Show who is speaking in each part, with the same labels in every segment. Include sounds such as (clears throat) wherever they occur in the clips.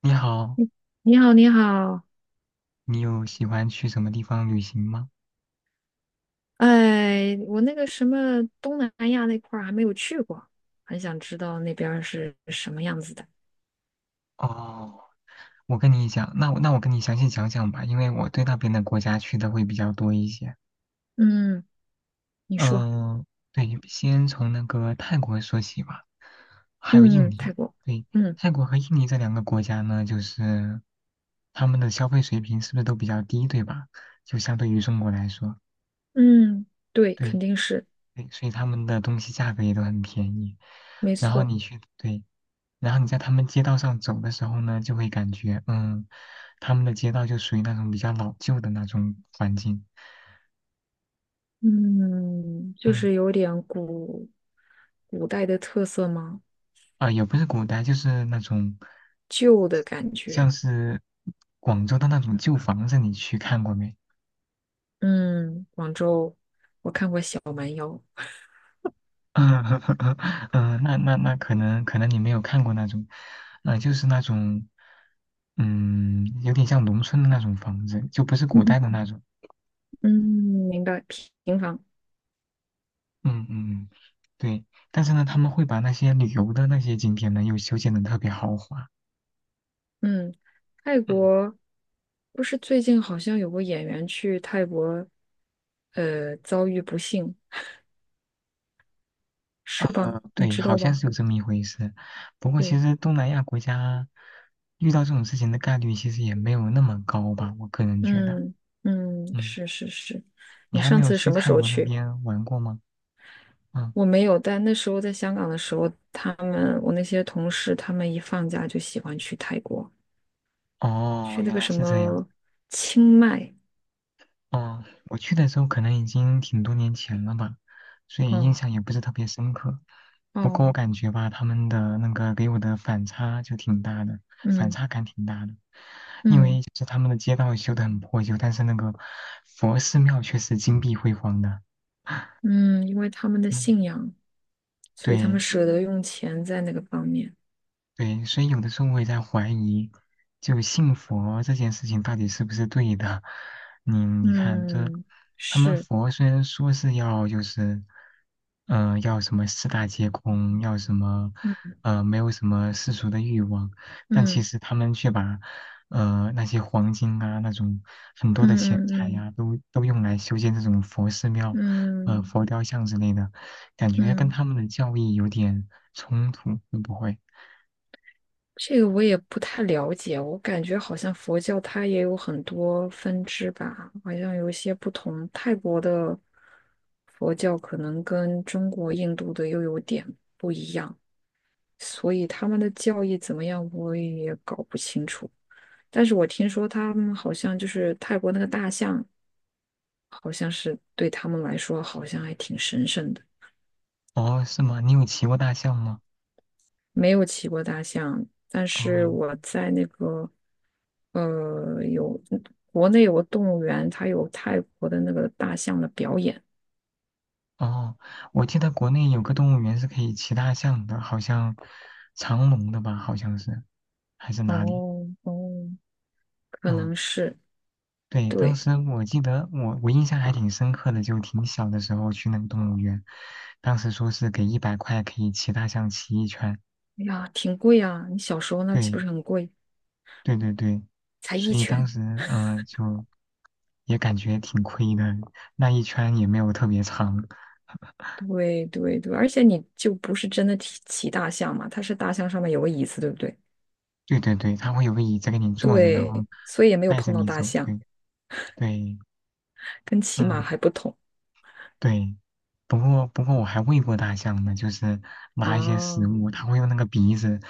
Speaker 1: 你好，
Speaker 2: 你好，你好。
Speaker 1: 你有喜欢去什么地方旅行吗？
Speaker 2: 哎，我那个什么东南亚那块儿还没有去过，很想知道那边儿是什么样子的。
Speaker 1: 哦，我跟你讲，那我跟你详细讲讲吧，因为我对那边的国家去的会比较多一些。
Speaker 2: 嗯，你说。
Speaker 1: 嗯、对，先从那个泰国说起吧，还有印
Speaker 2: 嗯，
Speaker 1: 尼。
Speaker 2: 泰国。
Speaker 1: 对，
Speaker 2: 嗯
Speaker 1: 泰国和印尼这两个国家呢，就是他们的消费水平是不是都比较低，对吧？就相对于中国来说，
Speaker 2: 嗯，对，
Speaker 1: 对，
Speaker 2: 肯定是。
Speaker 1: 对，所以他们的东西价格也都很便宜。
Speaker 2: 没
Speaker 1: 然后
Speaker 2: 错。
Speaker 1: 你去，对。然后你在他们街道上走的时候呢，就会感觉，他们的街道就属于那种比较老旧的那种环境，
Speaker 2: 嗯，就
Speaker 1: 嗯，
Speaker 2: 是有点古代的特色吗？
Speaker 1: 也不是古代，就是那种
Speaker 2: 旧的感
Speaker 1: 像
Speaker 2: 觉。
Speaker 1: 是广州的那种旧房子，你去看过没？
Speaker 2: 嗯，广州，我看过小蛮腰。
Speaker 1: (laughs) 嗯，那可能你没有看过那种，就是那种，有点像农村的那种房子，就不是古
Speaker 2: 嗯
Speaker 1: 代的那种，
Speaker 2: 嗯，明白，平房。
Speaker 1: 嗯嗯，对，但是呢，他们会把那些旅游的那些景点呢，又修建的特别豪华。
Speaker 2: 嗯，泰
Speaker 1: 嗯，
Speaker 2: 国不是最近好像有个演员去泰国，遭遇不幸，是吧？你
Speaker 1: 对，
Speaker 2: 知
Speaker 1: 好
Speaker 2: 道
Speaker 1: 像
Speaker 2: 吧？
Speaker 1: 是有这么一回事。不过其
Speaker 2: 对，
Speaker 1: 实东南亚国家遇到这种事情的概率其实也没有那么高吧，我个人觉得。
Speaker 2: 嗯嗯，
Speaker 1: 嗯，
Speaker 2: 是是是。
Speaker 1: 你
Speaker 2: 你
Speaker 1: 还没
Speaker 2: 上
Speaker 1: 有
Speaker 2: 次
Speaker 1: 去
Speaker 2: 什么
Speaker 1: 泰
Speaker 2: 时候
Speaker 1: 国那
Speaker 2: 去？
Speaker 1: 边玩过吗？嗯，
Speaker 2: 我没有，但那时候在香港的时候，我那些同事，他们一放假就喜欢去泰国，
Speaker 1: 哦，
Speaker 2: 去那
Speaker 1: 原
Speaker 2: 个
Speaker 1: 来
Speaker 2: 什
Speaker 1: 是这样。
Speaker 2: 么清迈。
Speaker 1: 哦，我去的时候可能已经挺多年前了吧，所以印
Speaker 2: 哦
Speaker 1: 象也不是特别深刻。不过我
Speaker 2: 哦。
Speaker 1: 感觉吧，他们的那个给我的反差就挺大的，反
Speaker 2: 嗯
Speaker 1: 差感挺大的。因
Speaker 2: 嗯
Speaker 1: 为就是他们的街道修得很破旧，但是那个佛寺庙却是金碧辉煌的。
Speaker 2: 嗯，因为他们的
Speaker 1: 嗯，
Speaker 2: 信仰，所以他们
Speaker 1: 对，
Speaker 2: 舍得用钱在那个方面。
Speaker 1: 对，所以有的时候我也在怀疑，就信佛这件事情到底是不是对的？你看，这
Speaker 2: 嗯，
Speaker 1: 他们
Speaker 2: 是。
Speaker 1: 佛虽然说是要就是，要什么四大皆空，要什么，
Speaker 2: 嗯
Speaker 1: 没有什么世俗的欲望，但其
Speaker 2: 嗯
Speaker 1: 实他们却把，那些黄金啊，那种很多
Speaker 2: 嗯
Speaker 1: 的钱财
Speaker 2: 嗯
Speaker 1: 呀、都用来修建这种佛寺庙，
Speaker 2: 嗯嗯
Speaker 1: 佛雕像之类的，感觉跟
Speaker 2: 嗯。
Speaker 1: 他们的教义有点冲突，会不会？
Speaker 2: 这个我也不太了解，我感觉好像佛教它也有很多分支吧，好像有一些不同。泰国的佛教可能跟中国、印度的又有点，所以他们的教义怎么样，我也搞不清楚。但是我听说他们好像就是泰国那个大象，好像是对他们来说好像还挺神圣的。
Speaker 1: 哦，是吗？你有骑过大象吗？
Speaker 2: 没有骑过大象，但是
Speaker 1: 哦
Speaker 2: 我在那个呃有国内有个动物园，它有泰国的那个大象的表演。
Speaker 1: 哦，我记得国内有个动物园是可以骑大象的，好像长隆的吧，好像是，还是哪里？
Speaker 2: 哦哦，可
Speaker 1: 嗯，
Speaker 2: 能是。
Speaker 1: 对，当
Speaker 2: 对。
Speaker 1: 时我记得我印象还挺深刻的，就挺小的时候去那个动物园，当时说是给100块可以骑大象骑一圈，
Speaker 2: 哎呀，挺贵啊！你小时候那岂不
Speaker 1: 对
Speaker 2: 是很贵？
Speaker 1: 对对对，
Speaker 2: 才一
Speaker 1: 所以当
Speaker 2: 拳。
Speaker 1: 时就也感觉挺亏的，那一圈也没有特别长，
Speaker 2: 对对对，而且你就不是真的骑大象嘛，它是大象上面有个椅子，对不对？
Speaker 1: 对对对，他会有个椅子给你坐着，然后
Speaker 2: 对，所以也没有
Speaker 1: 带着
Speaker 2: 碰到
Speaker 1: 你
Speaker 2: 大
Speaker 1: 走。
Speaker 2: 象，
Speaker 1: 对对，
Speaker 2: 跟骑马还
Speaker 1: 嗯
Speaker 2: 不同
Speaker 1: 对。不过我还喂过大象呢，就是拿一些食
Speaker 2: 啊。
Speaker 1: 物，它会用那个鼻子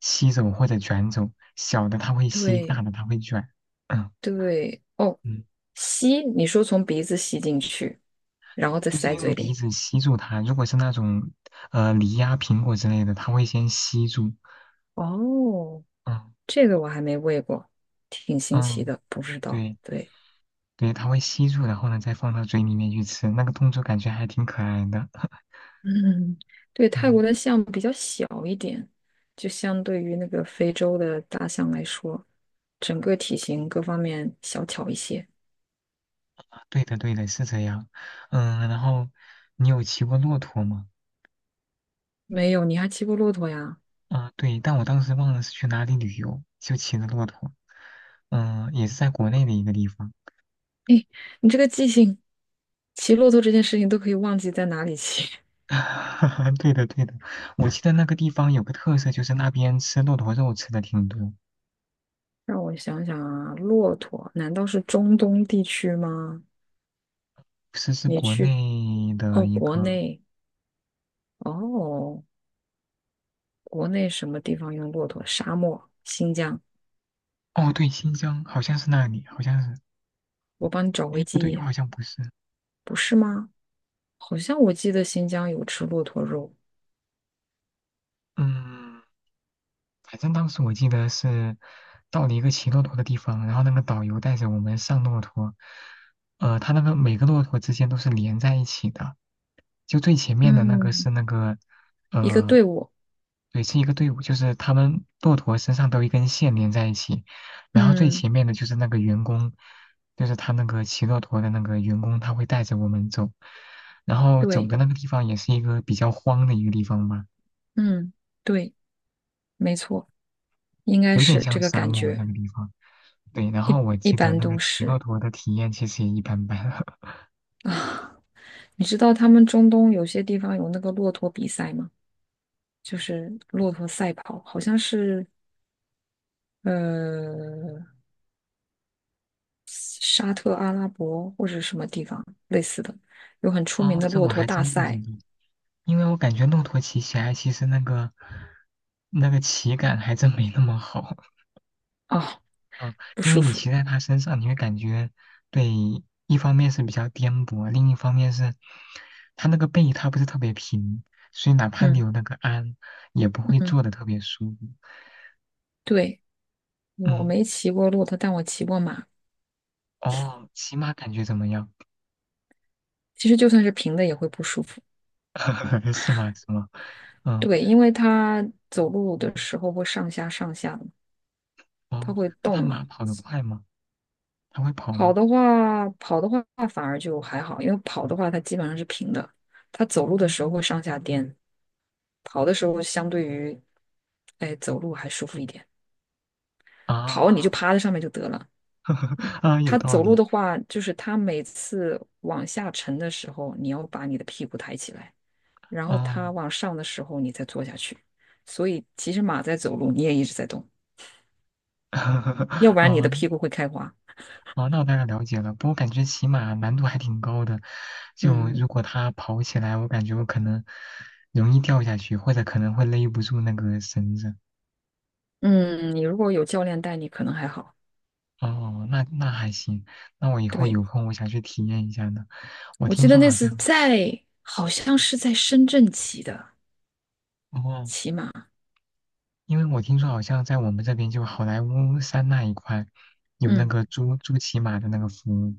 Speaker 1: 吸走或者卷走，小的它会吸，大
Speaker 2: 对，
Speaker 1: 的它会卷。嗯
Speaker 2: 对。哦，
Speaker 1: 嗯，
Speaker 2: 吸，你说从鼻子吸进去，然后再
Speaker 1: 就是
Speaker 2: 塞
Speaker 1: 用
Speaker 2: 嘴
Speaker 1: 鼻
Speaker 2: 里。
Speaker 1: 子吸住它。如果是那种梨呀、苹果之类的，它会先吸住。
Speaker 2: 哦，
Speaker 1: 嗯
Speaker 2: 这个我还没喂过，挺新奇
Speaker 1: 嗯，
Speaker 2: 的，不知道。
Speaker 1: 对
Speaker 2: 对
Speaker 1: 对，它会吸住，然后呢再放到嘴里面去吃。那个动作感觉还挺可爱的。(laughs)
Speaker 2: (laughs)，嗯，对。泰
Speaker 1: 嗯。
Speaker 2: 国的象比较小一点，就相对于那个非洲的大象来说，整个体型各方面小巧一些。
Speaker 1: 对的，对的，是这样。嗯，然后你有骑过骆驼吗？
Speaker 2: 没有，你还骑过骆驼呀？
Speaker 1: 对，但我当时忘了是去哪里旅游，就骑的骆驼。也是在国内的一个地方。
Speaker 2: 诶，你这个记性，骑骆驼这件事情都可以忘记在哪里骑。
Speaker 1: (laughs) 对的，对的，我记得那个地方有个特色，就是那边吃骆驼肉吃的挺多，
Speaker 2: 让我想想啊，骆驼难道是中东地区吗？
Speaker 1: 是，是
Speaker 2: 你
Speaker 1: 国
Speaker 2: 去。
Speaker 1: 内的
Speaker 2: 哦，
Speaker 1: 一
Speaker 2: 国
Speaker 1: 个。
Speaker 2: 内。哦，国内什么地方用骆驼？沙漠，新疆。
Speaker 1: 哦，对，新疆好像是那里，好像是。
Speaker 2: 我帮你找
Speaker 1: 哎，
Speaker 2: 回
Speaker 1: 不
Speaker 2: 记
Speaker 1: 对，又
Speaker 2: 忆。
Speaker 1: 好像不是。
Speaker 2: 不是吗？好像我记得新疆有吃骆驼肉。
Speaker 1: 嗯。反正当时我记得是到了一个骑骆驼的地方，然后那个导游带着我们上骆驼，呃，他那个每个骆驼之间都是连在一起的，就最前面的那个
Speaker 2: 嗯，
Speaker 1: 是那个，
Speaker 2: 一个
Speaker 1: 呃，
Speaker 2: 队伍。
Speaker 1: 对，是一个队伍，就是他们骆驼身上都有一根线连在一起，然后最
Speaker 2: 嗯，
Speaker 1: 前面的就是那个员工，就是他那个骑骆驼的那个员工，他会带着我们走，然后走
Speaker 2: 对，
Speaker 1: 的那个地方也是一个比较荒的一个地方吧，
Speaker 2: 嗯，对，没错，应该
Speaker 1: 有点
Speaker 2: 是这
Speaker 1: 像
Speaker 2: 个
Speaker 1: 沙
Speaker 2: 感
Speaker 1: 漠那
Speaker 2: 觉。
Speaker 1: 个地方。对，然后我
Speaker 2: 一
Speaker 1: 记得
Speaker 2: 般
Speaker 1: 那个
Speaker 2: 都
Speaker 1: 骑骆
Speaker 2: 是。
Speaker 1: 驼的体验其实也一般般。(laughs)
Speaker 2: 啊，你知道他们中东有些地方有那个骆驼比赛吗？就是骆驼赛跑，好像是呃沙特阿拉伯或者什么地方类似的，有很出名
Speaker 1: 哦，
Speaker 2: 的
Speaker 1: 这
Speaker 2: 骆
Speaker 1: 我
Speaker 2: 驼
Speaker 1: 还
Speaker 2: 大
Speaker 1: 真不知
Speaker 2: 赛。
Speaker 1: 道，因为我感觉骆驼骑起来其实那个骑感还真没那么好。(laughs)
Speaker 2: 啊，
Speaker 1: 嗯，
Speaker 2: 不
Speaker 1: 因为
Speaker 2: 舒
Speaker 1: 你
Speaker 2: 服。
Speaker 1: 骑在它身上，你会感觉，对，一方面是比较颠簸，另一方面是它那个背它不是特别平，所以哪怕你
Speaker 2: 嗯
Speaker 1: 有那个鞍，也不会
Speaker 2: 嗯，
Speaker 1: 坐的特别舒服。
Speaker 2: 对，我
Speaker 1: 嗯，
Speaker 2: 没骑过骆驼，但我骑过马。
Speaker 1: 哦，骑马感觉怎么样？
Speaker 2: 其实就算是平的也会不舒服。
Speaker 1: (laughs) 是吗？是吗？嗯。
Speaker 2: 对，因为它走路的时候会上下上下的，它
Speaker 1: 哦，
Speaker 2: 会
Speaker 1: 那
Speaker 2: 动
Speaker 1: 他马
Speaker 2: 嘛。
Speaker 1: 跑得快吗？他会跑
Speaker 2: 跑
Speaker 1: 吗？
Speaker 2: 的话，跑的话反而就还好，因为跑的话它基本上是平的，它走路的时候会上下颠。跑的时候相对于，哎，走路还舒服一点。跑你
Speaker 1: 啊
Speaker 2: 就趴在上面就得了。
Speaker 1: (laughs) 啊，有
Speaker 2: 它
Speaker 1: 道
Speaker 2: 走路
Speaker 1: 理
Speaker 2: 的话，就是它每次往下沉的时候，你要把你的屁股抬起来，然后它
Speaker 1: 哦，
Speaker 2: 往上的时候，你再坐下去。所以其实马在走路，你也一直在动，要
Speaker 1: (laughs)
Speaker 2: 不然你
Speaker 1: 哦
Speaker 2: 的屁股会开花。
Speaker 1: 哦，那我大概了解了。不过感觉骑马难度还挺高的，就如
Speaker 2: 嗯
Speaker 1: 果它跑起来，我感觉我可能容易掉下去，或者可能会勒不住那个绳子。
Speaker 2: 嗯，你如果有教练带你，可能还好。
Speaker 1: 哦，那还行，那我以后
Speaker 2: 对，
Speaker 1: 有空我想去体验一下呢。我
Speaker 2: 我记
Speaker 1: 听
Speaker 2: 得
Speaker 1: 说
Speaker 2: 那
Speaker 1: 好
Speaker 2: 次
Speaker 1: 像
Speaker 2: 在，好像是在深圳骑的，
Speaker 1: 哦，
Speaker 2: 骑马。
Speaker 1: 因为我听说好像在我们这边就好莱坞山那一块有那
Speaker 2: 嗯。
Speaker 1: 个租骑马的那个服务。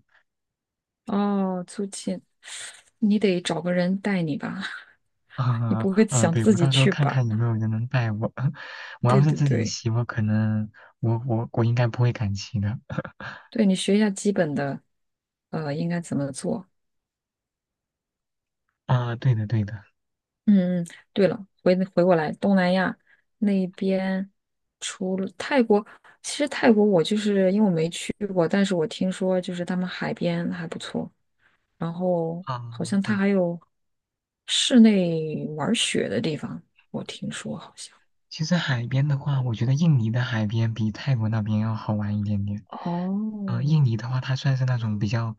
Speaker 2: 哦，租借，你得找个人带你吧？
Speaker 1: (laughs)
Speaker 2: (laughs) 你
Speaker 1: 啊
Speaker 2: 不会
Speaker 1: 啊，
Speaker 2: 想
Speaker 1: 对，
Speaker 2: 自
Speaker 1: 我
Speaker 2: 己
Speaker 1: 到时候
Speaker 2: 去
Speaker 1: 看
Speaker 2: 吧？
Speaker 1: 看有没有人能带我。(laughs) 我要
Speaker 2: 对
Speaker 1: 是
Speaker 2: 对
Speaker 1: 自己
Speaker 2: 对，
Speaker 1: 骑，我可能我我我应该不会敢骑的。
Speaker 2: 对你学一下基本的，应该怎么做？
Speaker 1: 啊，对的对的。
Speaker 2: 嗯嗯。对了，回过来，东南亚那边除了泰国，其实泰国我就是因为我没去过，但是我听说就是他们海边还不错，然后
Speaker 1: 啊，
Speaker 2: 好像它
Speaker 1: 对，
Speaker 2: 还有室内玩雪的地方，我听说好像。
Speaker 1: 其实海边的话，我觉得印尼的海边比泰国那边要好玩一点点。印
Speaker 2: 哦，
Speaker 1: 尼的话，它算是那种比较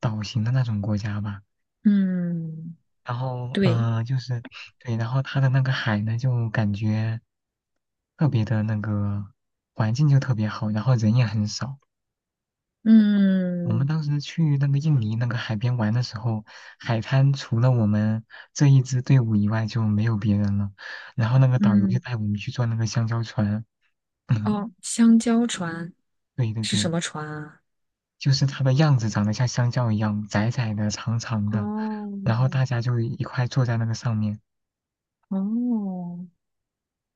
Speaker 1: 岛型的那种国家吧。
Speaker 2: 嗯，
Speaker 1: 然后，
Speaker 2: 对，
Speaker 1: 就是对，然后它的那个海呢，就感觉特别的那个环境就特别好，然后人也很少。我们
Speaker 2: 嗯
Speaker 1: 当时去那个印尼那个海边玩的时候，海滩除了我们这一支队伍以外就没有别人了。然后那个导游就
Speaker 2: 嗯。
Speaker 1: 带我们去坐那个香蕉船，(laughs) (clears throat)
Speaker 2: 哦，香蕉船
Speaker 1: 对对
Speaker 2: 是什
Speaker 1: 对，
Speaker 2: 么船啊？
Speaker 1: 就是它的样子长得像香蕉一样，窄窄的、长长的。
Speaker 2: 哦
Speaker 1: 然后大家就一块坐在那个上面。
Speaker 2: 哦，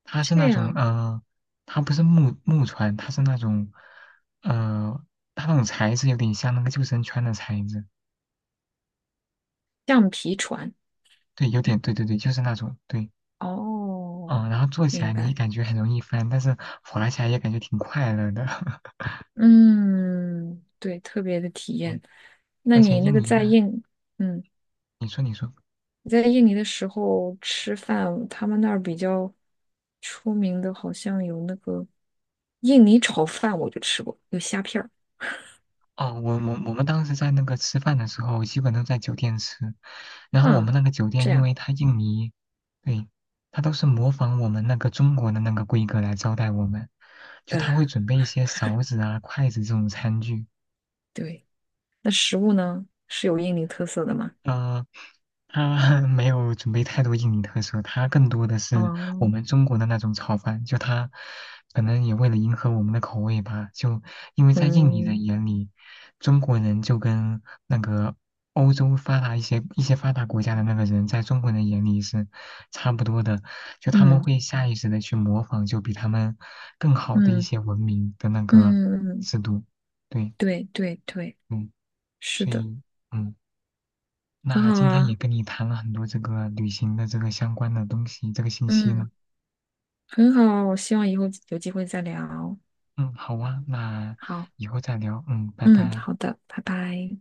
Speaker 1: 它是那
Speaker 2: 这
Speaker 1: 种
Speaker 2: 样，
Speaker 1: 它不是木船，它是那种呃，它那种材质有点像那个救生圈的材质，
Speaker 2: 橡皮船。
Speaker 1: 对，有点对对对，就是那种对。
Speaker 2: 哦，
Speaker 1: 嗯，然后坐起来
Speaker 2: 明
Speaker 1: 你
Speaker 2: 白。
Speaker 1: 感觉很容易翻，但是滑起来也感觉挺快乐的。(laughs)
Speaker 2: 嗯，对，特别的体
Speaker 1: 对，
Speaker 2: 验。那
Speaker 1: 而且
Speaker 2: 你那
Speaker 1: 印
Speaker 2: 个
Speaker 1: 尼
Speaker 2: 在
Speaker 1: 呢，
Speaker 2: 印，嗯，
Speaker 1: 你说你说，
Speaker 2: 你在印尼的时候吃饭，他们那儿比较出名的，好像有那个印尼炒饭，我就吃过，有虾片儿。
Speaker 1: 哦，我们当时在那个吃饭的时候，基本都在酒店吃，然后我们
Speaker 2: 啊，
Speaker 1: 那个酒店，
Speaker 2: 这
Speaker 1: 因
Speaker 2: 样。
Speaker 1: 为它印尼，对，它都是模仿我们那个中国的那个规格来招待我们，就他
Speaker 2: 呃。
Speaker 1: 会准备一些勺子啊、筷子这种餐具，
Speaker 2: 对，那食物呢是有印尼特色的吗？
Speaker 1: 呃，他 (laughs) 没有准备太多印尼特色，他更多的是我
Speaker 2: 哦，
Speaker 1: 们中国的那种炒饭。就他可能也为了迎合我们的口味吧，就因为在印尼
Speaker 2: 嗯
Speaker 1: 人眼里，中国人就跟那个欧洲发达一些发达国家的那个人，在中国人眼里是差不多的，就他们
Speaker 2: 嗯
Speaker 1: 会下意识的去模仿，就比他们更好的一
Speaker 2: 嗯
Speaker 1: 些文明的那
Speaker 2: 嗯
Speaker 1: 个
Speaker 2: 嗯，嗯，
Speaker 1: 制度。对，
Speaker 2: 对对对，
Speaker 1: 嗯，
Speaker 2: 是
Speaker 1: 所
Speaker 2: 的。
Speaker 1: 以。嗯。
Speaker 2: 很
Speaker 1: 那
Speaker 2: 好
Speaker 1: 今天也
Speaker 2: 啊，
Speaker 1: 跟你谈了很多这个旅行的这个相关的东西，这个信息
Speaker 2: 嗯，
Speaker 1: 呢。
Speaker 2: 很好啊，我希望以后有机会再聊。
Speaker 1: 嗯，好啊，那
Speaker 2: 好，
Speaker 1: 以后再聊。嗯，拜
Speaker 2: 嗯，
Speaker 1: 拜。
Speaker 2: 好的，拜拜。